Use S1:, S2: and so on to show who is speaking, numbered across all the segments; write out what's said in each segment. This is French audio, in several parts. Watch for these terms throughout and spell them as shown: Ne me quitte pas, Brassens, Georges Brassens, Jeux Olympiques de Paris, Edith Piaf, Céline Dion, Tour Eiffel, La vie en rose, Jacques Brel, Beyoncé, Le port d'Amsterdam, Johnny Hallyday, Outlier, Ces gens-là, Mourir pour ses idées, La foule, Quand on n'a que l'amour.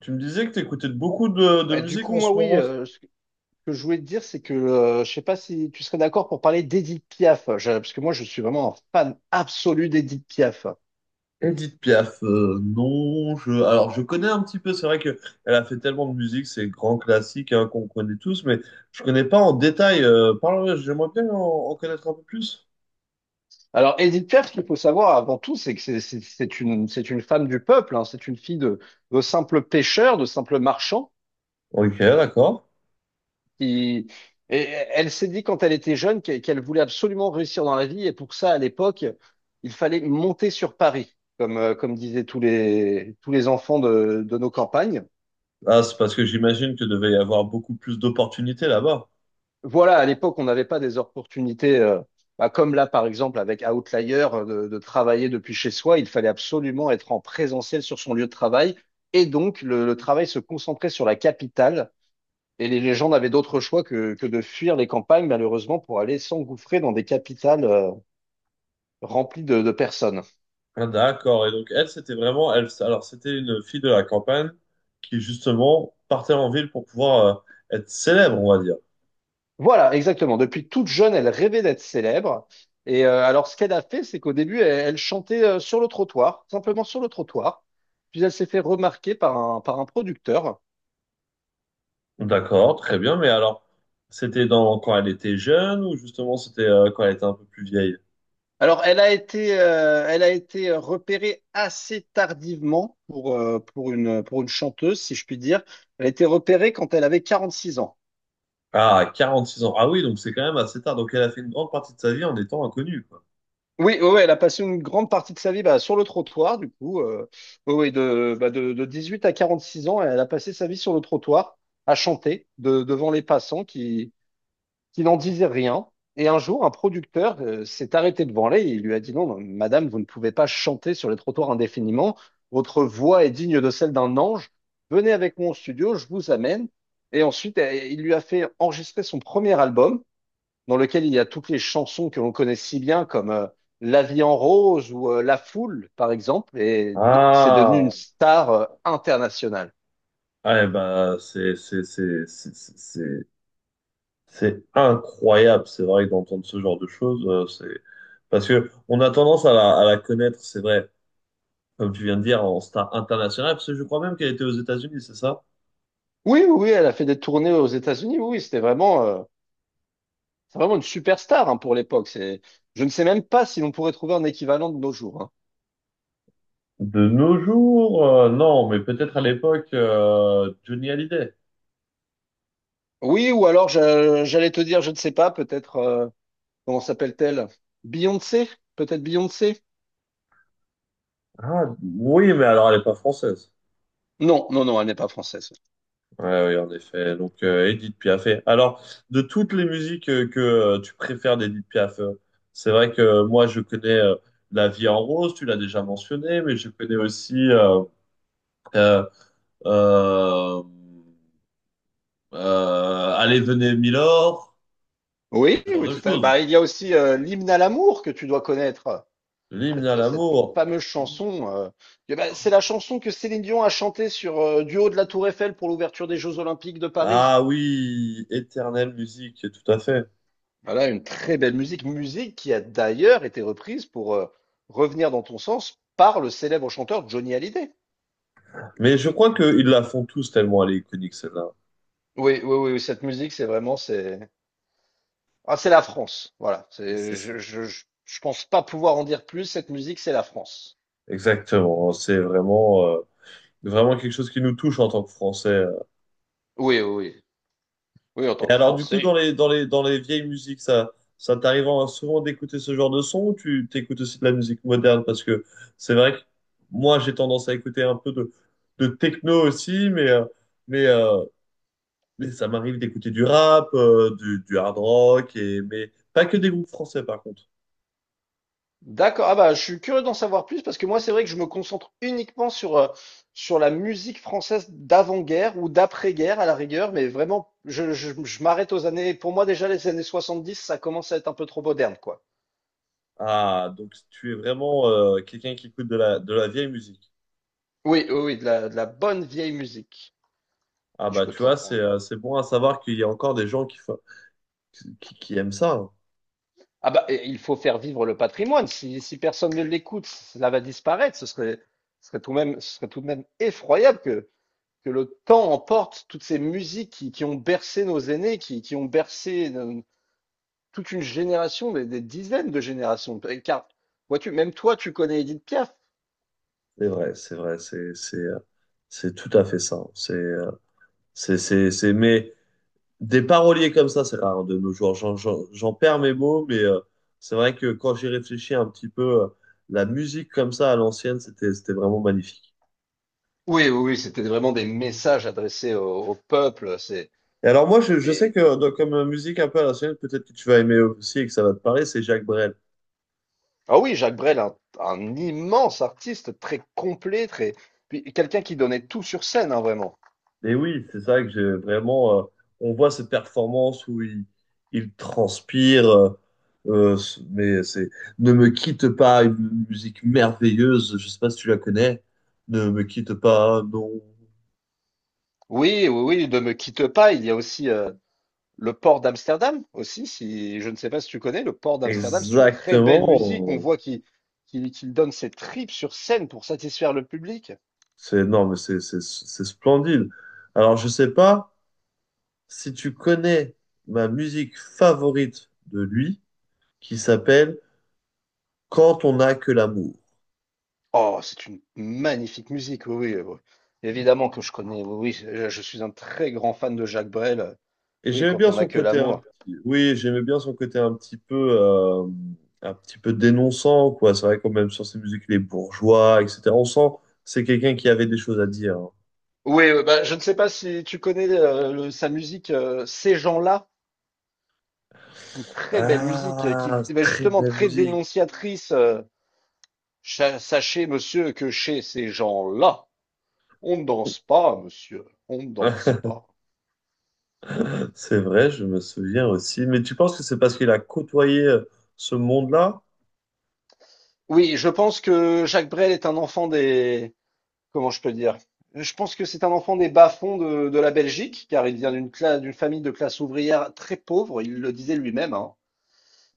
S1: Tu me disais que tu écoutais beaucoup de
S2: Du
S1: musique
S2: coup,
S1: en
S2: moi,
S1: ce
S2: oui,
S1: moment.
S2: ce que je voulais te dire, c'est que je sais pas si tu serais d'accord pour parler d'Edith Piaf, parce que moi, je suis vraiment un fan absolu d'Edith Piaf.
S1: Edith Piaf, non, je, alors je connais un petit peu, c'est vrai que elle a fait tellement de musique, c'est grand classique hein, qu'on connaît tous, mais je connais pas en détail. Parle, ouais, j'aimerais bien en connaître un peu plus.
S2: Alors, Edith Piaf, ce qu'il faut savoir avant tout, c'est que c'est une femme du peuple, hein. C'est une fille de, de simples marchands,
S1: Ok, d'accord.
S2: qui, et elle s'est dit quand elle était jeune qu'elle voulait absolument réussir dans la vie, et pour ça, à l'époque, il fallait monter sur Paris, comme disaient tous les enfants de nos campagnes.
S1: Ah, c'est parce que j'imagine que devait y avoir beaucoup plus d'opportunités là-bas.
S2: Voilà, à l'époque, on n'avait pas des opportunités, bah, comme là, par exemple, avec Outlier, de travailler depuis chez soi. Il fallait absolument être en présentiel sur son lieu de travail. Et donc, le travail se concentrait sur la capitale. Et les gens n'avaient d'autre choix que de fuir les campagnes, malheureusement, pour aller s'engouffrer dans des capitales, remplies de personnes.
S1: Ah, d'accord. Et donc elle, c'était vraiment, elle, alors c'était une fille de la campagne qui justement partait en ville pour pouvoir être célèbre, on va dire.
S2: Voilà, exactement. Depuis toute jeune, elle rêvait d'être célèbre. Et alors, ce qu'elle a fait, c'est qu'au début, elle chantait sur le trottoir, simplement sur le trottoir. Puis elle s'est fait remarquer par un producteur.
S1: D'accord, très bien. Mais alors, c'était dans quand elle était jeune ou justement c'était quand elle était un peu plus vieille?
S2: Alors, elle a été repérée assez tardivement pour une chanteuse, si je puis dire. Elle a été repérée quand elle avait 46 ans.
S1: Ah, 46 ans. Ah oui, donc c'est quand même assez tard. Donc elle a fait une grande partie de sa vie en étant inconnue, quoi.
S2: Oui, ouais, oui, elle a passé une grande partie de sa vie, bah, sur le trottoir, du coup. Oui, oui, de 18 à 46 ans, elle a passé sa vie sur le trottoir à chanter devant les passants qui n'en disaient rien. Et un jour, un producteur s'est arrêté devant elle et il lui a dit: «Non, non, madame, vous ne pouvez pas chanter sur les trottoirs indéfiniment. Votre voix est digne de celle d'un ange. Venez avec moi au studio, je vous amène.» Et ensuite, il lui a fait enregistrer son premier album dans lequel il y a toutes les chansons que l'on connaît si bien, comme La vie en rose ou La foule, par exemple, c'est devenu une
S1: Ah,
S2: star internationale.
S1: ouais, bah c'est incroyable. C'est vrai d'entendre ce genre de choses, c'est parce que on a tendance à la connaître, c'est vrai, comme tu viens de dire, en star internationale. Parce que je crois même qu'elle était aux États-Unis, c'est ça?
S2: Oui, oui, oui, elle a fait des tournées aux États-Unis. Oui, oui, c'est vraiment une superstar, hein, pour l'époque. Je ne sais même pas si l'on pourrait trouver un équivalent de nos jours, hein.
S1: De nos jours, non, mais peut-être à l'époque, Johnny Hallyday.
S2: Oui, ou alors j'allais te dire, je ne sais pas, peut-être, comment s'appelle-t-elle? Beyoncé? Peut-être Beyoncé?
S1: Ah, oui, mais alors elle n'est pas française.
S2: Non, non, non, elle n'est pas française.
S1: Ouais, oui, en effet. Donc, Edith Piaf. Alors, de toutes les musiques que tu préfères d'Edith Piaf, c'est vrai que moi, je connais La vie en rose, tu l'as déjà mentionné, mais je connais aussi euh, euh, Allez, venez, Milord, ce
S2: Oui,
S1: genre
S2: oui,
S1: de
S2: tout à fait.
S1: choses.
S2: Bah, il y a aussi l'hymne à l'amour que tu dois connaître.
S1: L'hymne
S2: Cette,
S1: à
S2: euh, cette
S1: l'amour.
S2: fameuse chanson, bah, c'est la chanson que Céline Dion a chantée sur du haut de la Tour Eiffel pour l'ouverture des Jeux Olympiques de Paris.
S1: Ah oui, éternelle musique, tout à fait.
S2: Voilà, une très belle musique, musique qui a d'ailleurs été reprise pour revenir dans ton sens par le célèbre chanteur Johnny Hallyday.
S1: Mais je crois qu'ils la font tous tellement elle est iconique, celle-là.
S2: Oui, oui, oui, oui, cette musique, c'est la France.
S1: C'est- c'est-
S2: Je pense pas pouvoir en dire plus. Cette musique, c'est la France.
S1: Exactement, c'est vraiment, vraiment quelque chose qui nous touche en tant que Français.
S2: Oui, oui, oui, oui, en tant
S1: Et
S2: que
S1: alors, du coup,
S2: Français.
S1: dans les vieilles musiques, ça souvent d'écouter ce genre de son ou tu t'écoutes aussi de la musique moderne? Parce que c'est vrai que moi, j'ai tendance à écouter un peu de techno aussi, mais, euh, mais ça m'arrive d'écouter du rap, du hard rock, et, mais pas que des groupes français, par contre.
S2: D'accord. Ah bah, je suis curieux d'en savoir plus parce que moi, c'est vrai que je me concentre uniquement sur la musique française d'avant-guerre ou d'après-guerre à la rigueur, mais vraiment, je m'arrête aux années. Pour moi, déjà, les années 70, ça commence à être un peu trop moderne, quoi.
S1: Ah, donc tu es vraiment quelqu'un qui écoute de de la vieille musique.
S2: Oui, oui, oui, de la bonne vieille musique,
S1: Ah
S2: si je
S1: bah
S2: peux
S1: tu
S2: te
S1: vois,
S2: reprendre.
S1: c'est bon à savoir qu'il y a encore des gens qui aiment ça. Hein.
S2: Ah bah, et il faut faire vivre le patrimoine. Si, si personne ne l'écoute, cela va disparaître. Ce serait tout de même, ce serait tout de même effroyable que le temps emporte toutes ces musiques qui ont bercé nos aînés, qui ont bercé toute une génération, des dizaines de générations. Car, vois-tu, même toi, tu connais Edith Piaf.
S1: C'est vrai, c'est vrai, c'est tout à fait ça. Hein. C'est mais des paroliers comme ça, c'est rare de nos jours. J'en perds mes mots, mais c'est vrai que quand j'y réfléchis un petit peu, la musique comme ça à l'ancienne, c'était vraiment magnifique.
S2: Oui, oui, oui, c'était vraiment des messages adressés au peuple.
S1: Et alors moi, je sais
S2: Et-
S1: que donc, comme musique un peu à l'ancienne, peut-être que tu vas aimer aussi et que ça va te parler, c'est Jacques Brel.
S2: ah oui, Jacques Brel, un immense artiste, très complet, très puis quelqu'un qui donnait tout sur scène, hein, vraiment.
S1: Et oui, c'est ça que j'ai vraiment. On voit ces performances où il transpire, mais c'est Ne me quitte pas, une musique merveilleuse. Je sais pas si tu la connais. Ne me quitte pas, non.
S2: Oui, oui, oui, de me quitte pas. Il y a aussi Le port d'Amsterdam aussi, si je ne sais pas si tu connais, le port d'Amsterdam, c'est une très belle musique. On
S1: Exactement.
S2: voit qu'il donne ses tripes sur scène pour satisfaire le public.
S1: C'est non, mais c'est splendide. Alors je sais pas si tu connais ma musique favorite de lui, qui s'appelle Quand on n'a que l'amour.
S2: Oh, c'est une magnifique musique, oui, oui, oui. Évidemment que je connais, oui, oui, je suis un très grand fan de Jacques Brel.
S1: Et
S2: Oui,
S1: j'aimais
S2: quand
S1: bien
S2: on n'a
S1: son
S2: que
S1: côté un
S2: l'amour.
S1: petit- oui, j'aimais bien son côté euh, un petit peu dénonçant quoi. C'est vrai quand même sur ses musiques les bourgeois, etc. On sent que c'est quelqu'un qui avait des choses à dire. Hein.
S2: Oui, bah, je ne sais pas si tu connais sa musique, Ces gens-là, une très belle musique, qui
S1: Ah,
S2: est
S1: très
S2: justement
S1: belle
S2: très
S1: musique.
S2: dénonciatrice. Sachez monsieur, que chez ces gens-là, on ne danse pas, monsieur, on ne danse pas.
S1: C'est vrai, je me souviens aussi. Mais tu penses que c'est parce qu'il a côtoyé ce monde-là?
S2: Oui, je pense que Jacques Brel est un enfant des... Comment je peux dire? Je pense que c'est un enfant des bas-fonds de la Belgique, car il vient d'une famille de classe ouvrière très pauvre, il le disait lui-même, hein.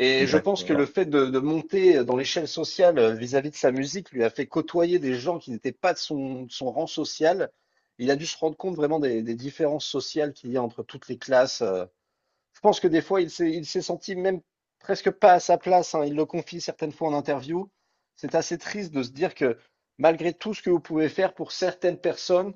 S2: Et je pense que le
S1: D'accord.
S2: fait de monter dans l'échelle sociale vis-à-vis de sa musique lui a fait côtoyer des gens qui n'étaient pas de son rang social. Il a dû se rendre compte vraiment des différences sociales qu'il y a entre toutes les classes. Je pense que des fois, il s'est senti même presque pas à sa place, hein. Il le confie certaines fois en interview. C'est assez triste de se dire que malgré tout ce que vous pouvez faire pour certaines personnes,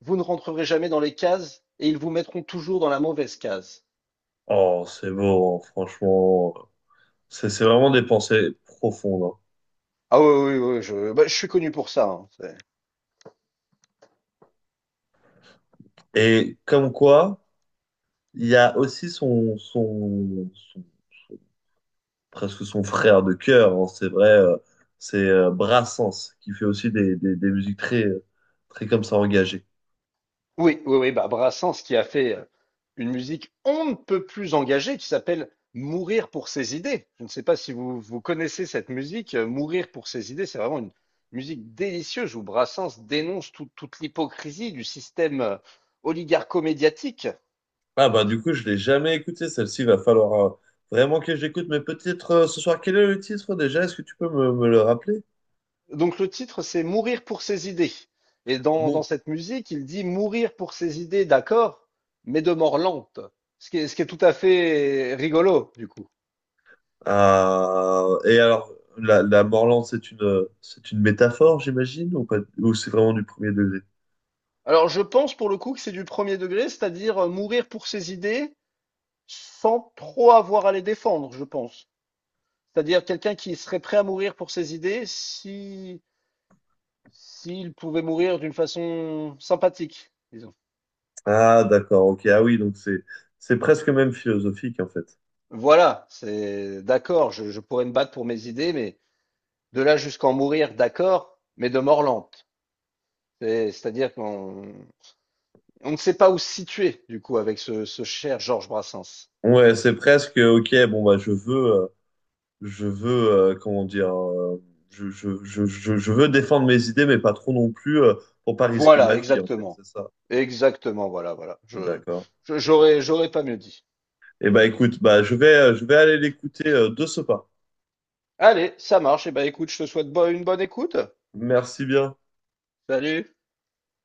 S2: vous ne rentrerez jamais dans les cases et ils vous mettront toujours dans la mauvaise case.
S1: Oh, c'est beau, hein, franchement. C'est vraiment des pensées profondes. Hein.
S2: Ah oui, oui, oui, bah, je suis connu pour ça, hein.
S1: Et comme quoi, il y a aussi son- presque son frère de cœur, hein, c'est vrai, c'est Brassens, qui fait aussi des musiques très, très comme ça engagées.
S2: Oui, oui, oui, bah Brassens qui a fait une musique on ne peut plus engagée qui s'appelle Mourir pour ses idées. Je ne sais pas si vous, vous connaissez cette musique. Mourir pour ses idées, c'est vraiment une musique délicieuse où Brassens dénonce toute l'hypocrisie du système oligarcho-médiatique.
S1: Ah bah du coup, je l'ai jamais écouté, celle-ci, il va falloir vraiment que j'écoute, mais peut-être ce soir, quel est le titre déjà? Est-ce que tu peux me le rappeler?
S2: Donc le titre, c'est Mourir pour ses idées. Et dans
S1: Mon...
S2: cette musique, il dit Mourir pour ses idées, d'accord, mais de mort lente. Ce qui est tout à fait rigolo, du coup.
S1: Ah, et alors, la Morland, c'est une métaphore, j'imagine, ou pas, ou c'est vraiment du premier degré?
S2: Alors, je pense pour le coup que c'est du premier degré, c'est-à-dire mourir pour ses idées sans trop avoir à les défendre, je pense. C'est-à-dire quelqu'un qui serait prêt à mourir pour ses idées si s'il pouvait mourir d'une façon sympathique, disons.
S1: Ah d'accord, ok, ah oui, donc c'est presque même philosophique en fait.
S2: Voilà, c'est d'accord, je pourrais me battre pour mes idées, mais de là jusqu'en mourir, d'accord, mais de mort lente. C'est-à-dire qu'on on ne sait pas où se situer, du coup, avec ce cher Georges Brassens.
S1: Ouais, c'est presque OK, bon bah je veux comment dire je veux défendre mes idées mais pas trop non plus pour pas risquer ma
S2: Voilà,
S1: vie en fait,
S2: exactement.
S1: c'est ça.
S2: Exactement, voilà, voilà. Je,
S1: D'accord.
S2: je- j'aurais, j'aurais pas mieux dit.
S1: Eh bah écoute, bah je vais aller l'écouter de ce pas.
S2: Allez, ça marche. Et ben, écoute, je te souhaite une bonne écoute.
S1: Merci bien.
S2: Salut.